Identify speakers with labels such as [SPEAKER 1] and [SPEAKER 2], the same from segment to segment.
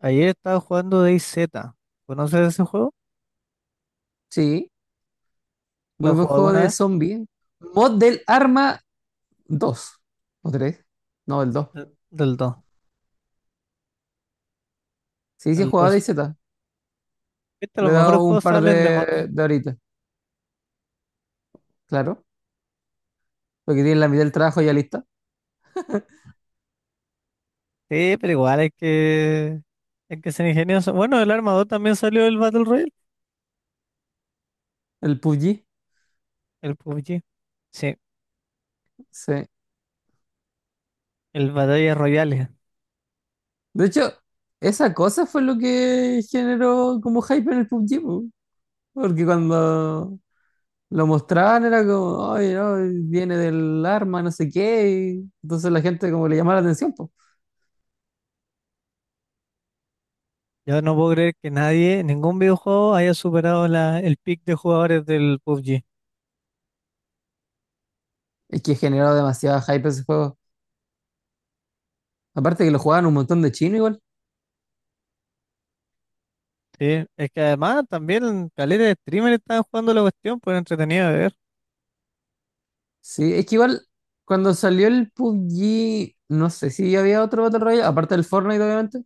[SPEAKER 1] Ayer estaba jugando DayZ. ¿Conoces ese juego?
[SPEAKER 2] Sí, muy
[SPEAKER 1] ¿Lo
[SPEAKER 2] buen
[SPEAKER 1] jugó
[SPEAKER 2] juego
[SPEAKER 1] alguna
[SPEAKER 2] de
[SPEAKER 1] vez?
[SPEAKER 2] zombie. Mod del Arma 2, ¿o 3? No, el 2.
[SPEAKER 1] Del dos.
[SPEAKER 2] Sí, sí, he
[SPEAKER 1] El
[SPEAKER 2] jugado
[SPEAKER 1] 2.
[SPEAKER 2] de Z.
[SPEAKER 1] Viste,
[SPEAKER 2] Le
[SPEAKER 1] los
[SPEAKER 2] he
[SPEAKER 1] mejores
[SPEAKER 2] dado un
[SPEAKER 1] juegos
[SPEAKER 2] par
[SPEAKER 1] salen de mods.
[SPEAKER 2] de horitas, claro. Porque tiene la mitad del trabajo ya lista.
[SPEAKER 1] Sí, pero igual hay que ser ingenioso. Bueno, el Arma 2 también salió el Battle Royale.
[SPEAKER 2] El PUBG.
[SPEAKER 1] El PUBG. Sí,
[SPEAKER 2] Sí.
[SPEAKER 1] el Battle Royale.
[SPEAKER 2] De hecho, esa cosa fue lo que generó como hype en el PUBG, po. Porque cuando lo mostraban era como, ay, no, viene del arma, no sé qué. Y entonces la gente como le llamaba la atención, po.
[SPEAKER 1] Yo no puedo creer que nadie, ningún videojuego haya superado el pick de jugadores del PUBG.
[SPEAKER 2] Es que generó demasiado hype ese juego. Aparte que lo jugaban un montón de chinos igual.
[SPEAKER 1] Sí, es que además también caleta de streamers estaban jugando la cuestión, pues era entretenido de ver.
[SPEAKER 2] Sí, es que igual cuando salió el PUBG, no sé si había otro Battle Royale, aparte del Fortnite obviamente,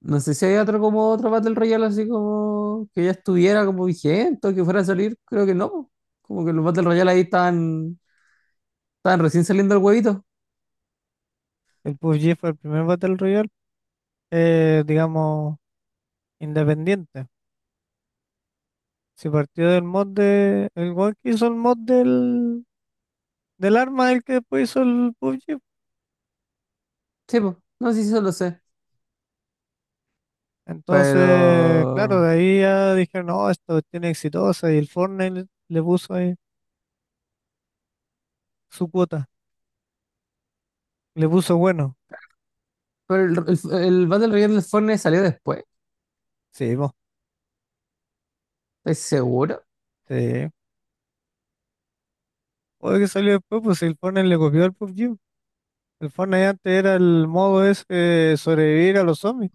[SPEAKER 2] no sé si había otro como otro Battle Royale así como que ya estuviera como vigente o que fuera a salir, creo que no, po. Como que los Battle Royale ahí están recién saliendo el huevito.
[SPEAKER 1] El PUBG fue el primer Battle Royale, digamos independiente. Si partió del mod de... El weón que hizo el mod del arma, el que después hizo el PUBG.
[SPEAKER 2] Sí, po. No sé si eso lo sé,
[SPEAKER 1] Entonces,
[SPEAKER 2] pero
[SPEAKER 1] claro, de ahí ya dijeron, no, esta cuestión es exitosa. Y el Fortnite le puso ahí su cuota. Le puso bueno.
[SPEAKER 2] pero el Battle Royale del Fortnite salió después,
[SPEAKER 1] Sí, vos.
[SPEAKER 2] ¿estás seguro?
[SPEAKER 1] Sí. Oye, que salió después, pues el Fortnite le copió al PUBG. El Fortnite antes era el modo ese de sobrevivir a los zombies.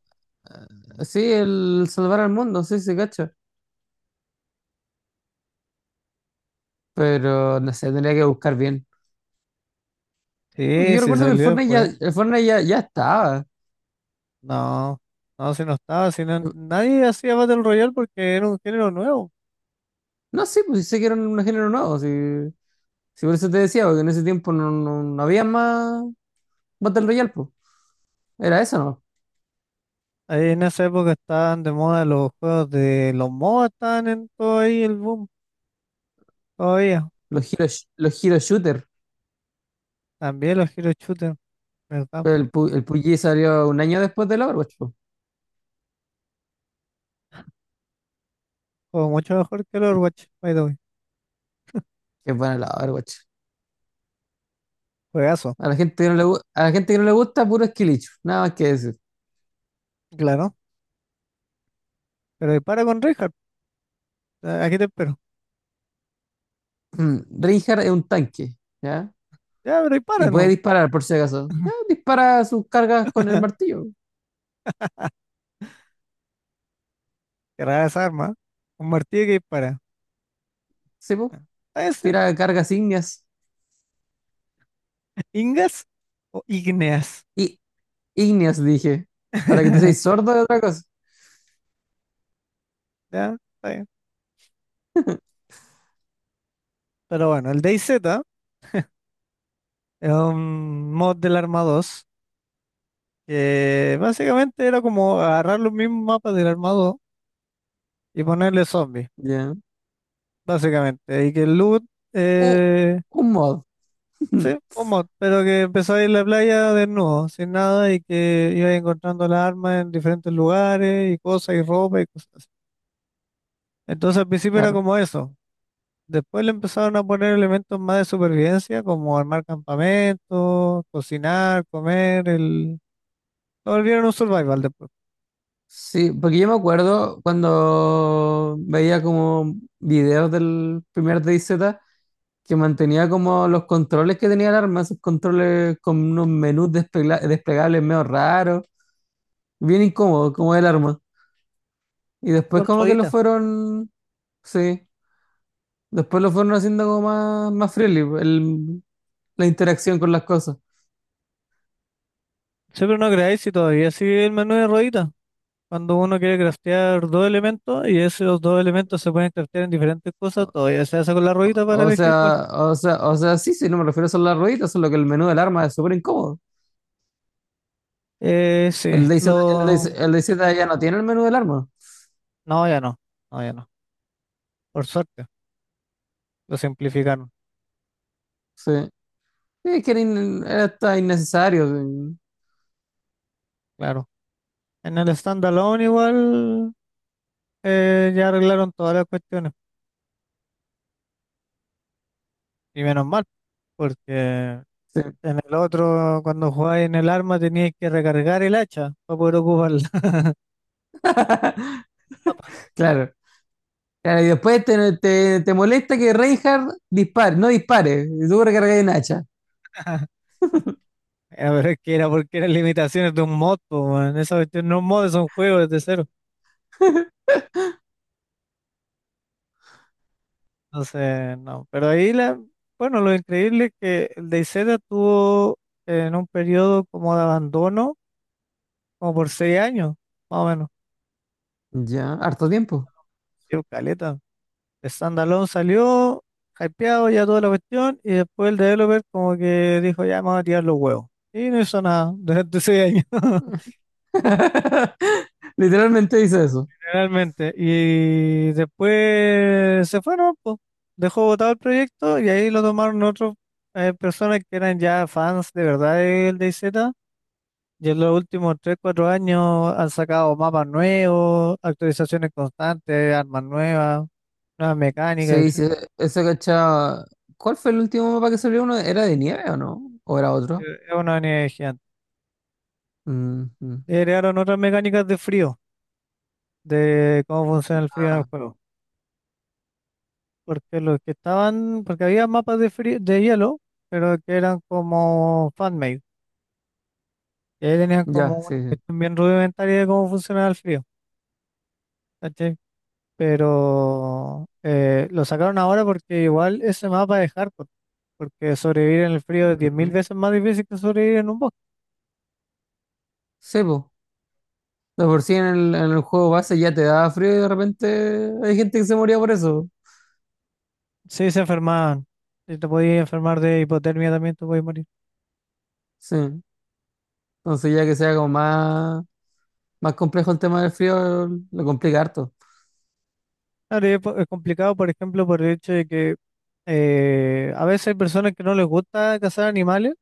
[SPEAKER 2] Sí, el Salvar al Mundo, sí, se cacho, pero no sé, tendría que buscar bien. Porque
[SPEAKER 1] Sí,
[SPEAKER 2] yo
[SPEAKER 1] sí,
[SPEAKER 2] recuerdo que el
[SPEAKER 1] salió
[SPEAKER 2] Fortnite ya,
[SPEAKER 1] después.
[SPEAKER 2] el Fortnite ya, ya estaba.
[SPEAKER 1] No, no, si no estaba, si no, nadie hacía Battle Royale porque era un género nuevo.
[SPEAKER 2] No sé, pues sí sé que era un género nuevo. Si, si por eso te decía, porque en ese tiempo no, no, no había más Battle Royale, pues. Era eso, ¿no?
[SPEAKER 1] Ahí en esa época estaban de moda los juegos de los MOBA, estaban en todo ahí el boom, todavía.
[SPEAKER 2] Los hero shooter.
[SPEAKER 1] También los Hero Shooter, ¿verdad?
[SPEAKER 2] Pero el PUBG salió un año después del Overwatch, pues.
[SPEAKER 1] Juego mucho mejor que el Overwatch, by the way.
[SPEAKER 2] Qué bueno el Overwatch.
[SPEAKER 1] Juegazo,
[SPEAKER 2] A la gente que no le gusta, puro esquilicho. Nada más que decir.
[SPEAKER 1] claro. Pero dispara con Reinhardt, aquí te espero.
[SPEAKER 2] Reinhardt es un tanque, ¿ya?
[SPEAKER 1] Ya, pero
[SPEAKER 2] Y
[SPEAKER 1] dispara,
[SPEAKER 2] puede
[SPEAKER 1] ¿no?
[SPEAKER 2] disparar, por si acaso. Ya, dispara sus cargas con el martillo.
[SPEAKER 1] Qué rara esa arma, ¿eh? Un martillo que dispara.
[SPEAKER 2] ¿Sí, po?
[SPEAKER 1] Ah, ese,
[SPEAKER 2] Tira cargas ígneas.
[SPEAKER 1] ingas o igneas.
[SPEAKER 2] Y Igneos, dije. Ahora que tú seas sordo de otra cosa.
[SPEAKER 1] Ya, está bien. Pero bueno, el DayZ es un mod del Arma 2. Básicamente era como agarrar los mismos mapas del armado y ponerle zombies,
[SPEAKER 2] Ya.
[SPEAKER 1] básicamente. Y que el loot,
[SPEAKER 2] Uh,
[SPEAKER 1] eh,
[SPEAKER 2] Un mod.
[SPEAKER 1] sí, un mod, pero que empezó a ir a la playa desnudo, sin nada, y que iba encontrando las armas en diferentes lugares y cosas y ropa y cosas así. Entonces al principio era
[SPEAKER 2] Claro.
[SPEAKER 1] como eso. Después le empezaron a poner elementos más de supervivencia, como armar campamentos, cocinar, comer, el... Lo volvieron un survival después.
[SPEAKER 2] Sí, porque yo me acuerdo cuando veía como videos del primer DayZ que mantenía como los controles que tenía el arma, esos controles con unos menús desplegables medio raros, bien incómodos como el arma. Y después
[SPEAKER 1] Con
[SPEAKER 2] como que lo
[SPEAKER 1] rueditas.
[SPEAKER 2] fueron, sí, después lo fueron haciendo como más friendly, la interacción con las cosas.
[SPEAKER 1] Sí, pero no creáis si todavía sigue el menú de rueditas. Cuando uno quiere craftear dos elementos y esos dos elementos se pueden craftear en diferentes cosas, todavía se hace con la ruedita para
[SPEAKER 2] O
[SPEAKER 1] elegir cuál.
[SPEAKER 2] sea, o sea, o sea, sí, sí, no me refiero solo a las rueditas, solo que el menú del arma es súper incómodo.
[SPEAKER 1] Sí,
[SPEAKER 2] El DayZ, el DayZ
[SPEAKER 1] lo...
[SPEAKER 2] el DayZ ya no tiene el menú del arma.
[SPEAKER 1] No, ya no, no, ya no. Por suerte, lo simplificaron,
[SPEAKER 2] Sí. Sí, es que era hasta innecesario.
[SPEAKER 1] claro. En el standalone igual ya arreglaron todas las cuestiones, y menos mal, porque en
[SPEAKER 2] Sí. Sí.
[SPEAKER 1] el otro, cuando jugáis en el arma, teníais que recargar el hacha para poder ocuparla.
[SPEAKER 2] Claro. Claro, y después te molesta que Reinhardt dispare, no dispare, y tú recargas un hacha.
[SPEAKER 1] Ah, pero es que era porque eran limitaciones de un mod, po, weón. Esa cuestión no es un mod, es un juego desde cero. Entonces, no. Pero ahí, bueno, lo increíble es que el DayZ tuvo en un periodo como de abandono, como por 6 años, más o menos.
[SPEAKER 2] Ya, harto tiempo.
[SPEAKER 1] Dio caleta. Standalone salió, hypeado ya toda la cuestión, y después el developer como que dijo, ya vamos a tirar los huevos. Y no hizo nada durante 6 años,
[SPEAKER 2] Literalmente dice eso.
[SPEAKER 1] realmente. Y después se fueron, pues. Dejó botado el proyecto y ahí lo tomaron otros, personas que eran ya fans de verdad del DayZ. Y en los últimos tres cuatro años han sacado mapas nuevos, actualizaciones constantes, armas nuevas, nuevas mecánicas,
[SPEAKER 2] Sí, sí,
[SPEAKER 1] etc.
[SPEAKER 2] eso cachaba. ¿Cuál fue el último mapa que salió uno? ¿Era de nieve o no? ¿O era otro?
[SPEAKER 1] Es una unidad gigante.
[SPEAKER 2] Mm, mm.
[SPEAKER 1] Y agregaron otras mecánicas de frío, de cómo funciona el frío en el
[SPEAKER 2] Ah,
[SPEAKER 1] juego. Porque los que estaban, porque había mapas de frío, de hielo, pero que eran como fan-made. Y ahí tenían como
[SPEAKER 2] ya,
[SPEAKER 1] una
[SPEAKER 2] sí, sí.
[SPEAKER 1] cuestión bien rudimentaria de cómo funcionaba el frío. ¿Cachai? Pero lo sacaron ahora porque igual ese mapa es hardcore, porque sobrevivir en el frío es 10.000
[SPEAKER 2] Ujú.
[SPEAKER 1] veces más difícil que sobrevivir en un bosque.
[SPEAKER 2] Sí, po. De por sí en el juego base ya te da frío y de repente hay gente que se moría por eso.
[SPEAKER 1] Sí, se enfermaban. Si te podías enfermar de hipotermia también te podías morir.
[SPEAKER 2] Sí. Entonces ya que sea como más complejo el tema del frío, lo complica harto.
[SPEAKER 1] Claro, y es complicado, por ejemplo, por el hecho de que a veces hay personas que no les gusta cazar animales,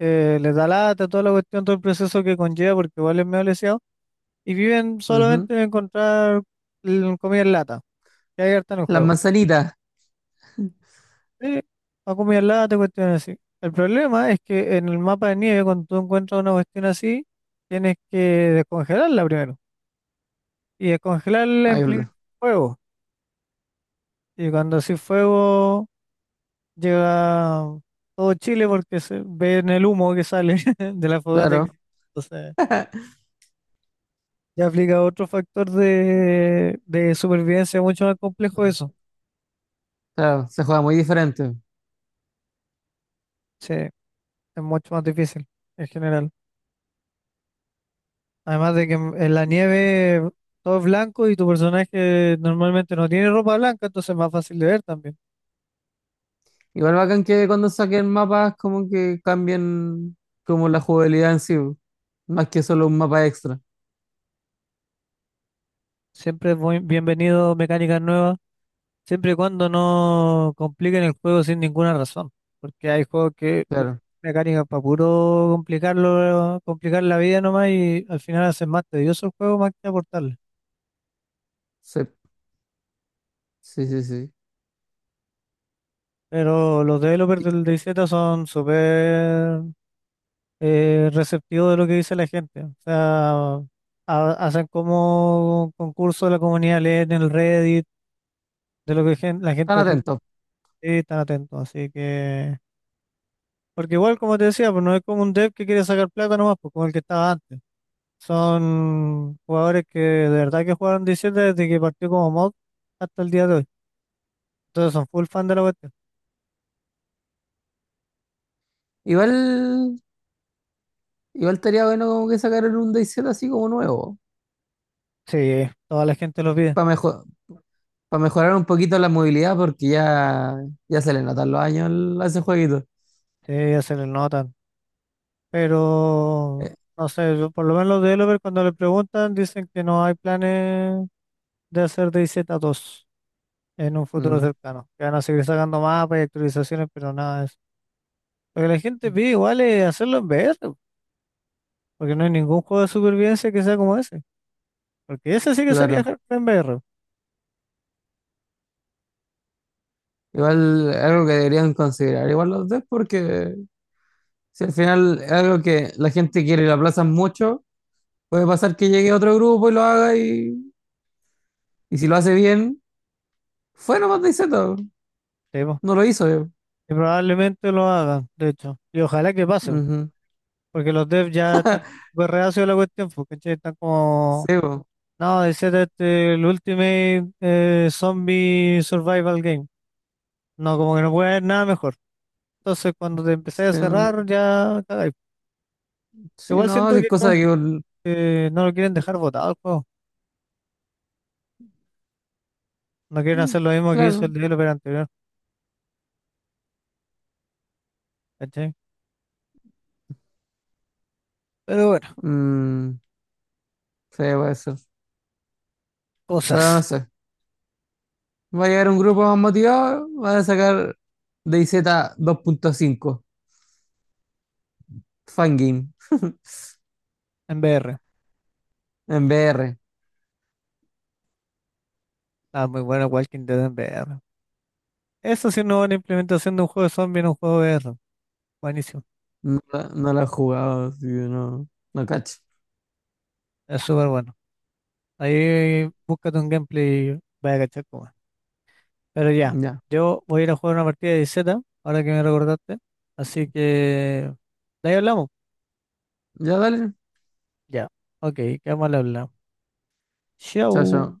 [SPEAKER 1] les da lata, toda la cuestión, todo el proceso que conlleva, porque igual es medio leseado, y viven
[SPEAKER 2] Ujú.
[SPEAKER 1] solamente de encontrar, comida en lata, que hay harta en el
[SPEAKER 2] Las
[SPEAKER 1] juego.
[SPEAKER 2] manzanitas.
[SPEAKER 1] Sí, ha comido lata, cuestiones así. El problema es que en el mapa de nieve, cuando tú encuentras una cuestión así, tienes que descongelarla primero. Y descongelarla
[SPEAKER 2] Ahí
[SPEAKER 1] implica
[SPEAKER 2] lo-
[SPEAKER 1] fuego. Y cuando así fuego, llega todo Chile porque se ve en el humo que sale de la fogata.
[SPEAKER 2] claro.
[SPEAKER 1] Entonces, ya aplica otro factor de supervivencia mucho más complejo eso.
[SPEAKER 2] Claro, se juega muy diferente.
[SPEAKER 1] Sí, es mucho más difícil en general. Además de que en la nieve todo es blanco y tu personaje normalmente no tiene ropa blanca, entonces es más fácil de ver también.
[SPEAKER 2] Igual bacán que cuando saquen mapas como que cambien como la jugabilidad en sí, po, más que solo un mapa extra.
[SPEAKER 1] Siempre es bienvenido mecánicas nuevas, siempre y cuando no compliquen el juego sin ninguna razón. Porque hay juegos que le ponen
[SPEAKER 2] Claro.
[SPEAKER 1] mecánicas para puro complicarlo, complicar la vida nomás y al final hacen más tedioso el juego más que aportarle.
[SPEAKER 2] Sí, sí, sí, sí.
[SPEAKER 1] Pero los developers del DayZ son súper, receptivo de lo que dice la gente. O sea, hacen como concurso de la comunidad, leen en el Reddit, de lo que la
[SPEAKER 2] Están
[SPEAKER 1] gente opina,
[SPEAKER 2] atentos.
[SPEAKER 1] y están atentos. Así que, porque igual, como te decía, pues no es como un dev que quiere sacar plata nomás, pues como el que estaba antes. Son jugadores que de verdad que jugaron 17 desde que partió como mod hasta el día de hoy. Entonces son full fan de la cuestión.
[SPEAKER 2] Igual. Igual estaría bueno como que sacaran un DayZ así como nuevo,
[SPEAKER 1] Sí, toda la gente lo pide.
[SPEAKER 2] para mejor, para mejorar un poquito la movilidad, porque ya, ya se le notan los años a ese jueguito.
[SPEAKER 1] Sí, se les nota. Pero,
[SPEAKER 2] Eh,
[SPEAKER 1] no sé, por lo menos los developers cuando le preguntan dicen que no hay planes de hacer DayZ 2 en un futuro
[SPEAKER 2] mm,
[SPEAKER 1] cercano. Que van a seguir sacando mapas y actualizaciones, pero nada de eso. Lo que la gente pide igual es hacerlo en VR, po, porque no hay ningún juego de supervivencia que sea como ese. Porque ese sí que sería
[SPEAKER 2] claro.
[SPEAKER 1] hardcore en VR.
[SPEAKER 2] Igual algo que deberían considerar, igual los devs, porque si al final es algo que la gente quiere y lo aplazan mucho, puede pasar que llegue otro grupo y lo haga y si lo hace bien, fue nomás DayZ,
[SPEAKER 1] Sí, po.
[SPEAKER 2] no lo hizo yo.
[SPEAKER 1] Y probablemente lo hagan, de hecho. Y ojalá que pase,
[SPEAKER 2] Ujú.
[SPEAKER 1] porque los devs ya están súper reacios a la cuestión, porque están
[SPEAKER 2] Sí,
[SPEAKER 1] como:
[SPEAKER 2] po.
[SPEAKER 1] No, ese es este, el Ultimate, Zombie Survival Game. No, como que no puede haber nada mejor. Entonces, cuando te empecé a
[SPEAKER 2] Sí,
[SPEAKER 1] cerrar,
[SPEAKER 2] mm,
[SPEAKER 1] ya cagáis.
[SPEAKER 2] sí,
[SPEAKER 1] Igual
[SPEAKER 2] no,
[SPEAKER 1] siento
[SPEAKER 2] sí, es
[SPEAKER 1] que
[SPEAKER 2] cosa
[SPEAKER 1] no,
[SPEAKER 2] de que...
[SPEAKER 1] no lo quieren dejar botado el juego. No quieren
[SPEAKER 2] Mm,
[SPEAKER 1] hacer lo mismo que hizo el
[SPEAKER 2] claro.
[SPEAKER 1] developer anterior. ¿Cachai? Pero bueno,
[SPEAKER 2] Mm, sí, puede ser. Pero no
[SPEAKER 1] cosas
[SPEAKER 2] sé. Va a llegar un grupo más motivado. Van a sacar DZ 2.5 Fangame.
[SPEAKER 1] en VR.
[SPEAKER 2] En VR.
[SPEAKER 1] Ah, muy bueno Walking Dead en VR. Eso sí, no una buena implementación de un juego de zombie en un juego de VR. Buenísimo.
[SPEAKER 2] No, no lo he jugado, así que no, no cacho.
[SPEAKER 1] Es súper bueno. Ahí búscate un gameplay y vaya a cachar cómo es. Pero ya,
[SPEAKER 2] Ya.
[SPEAKER 1] yo voy a ir a jugar una partida de Z, ahora que me recordaste. Así que, de ahí hablamos.
[SPEAKER 2] Ya dale.
[SPEAKER 1] Ya, ok, quedamos al habla.
[SPEAKER 2] Chao,
[SPEAKER 1] Chau.
[SPEAKER 2] chao.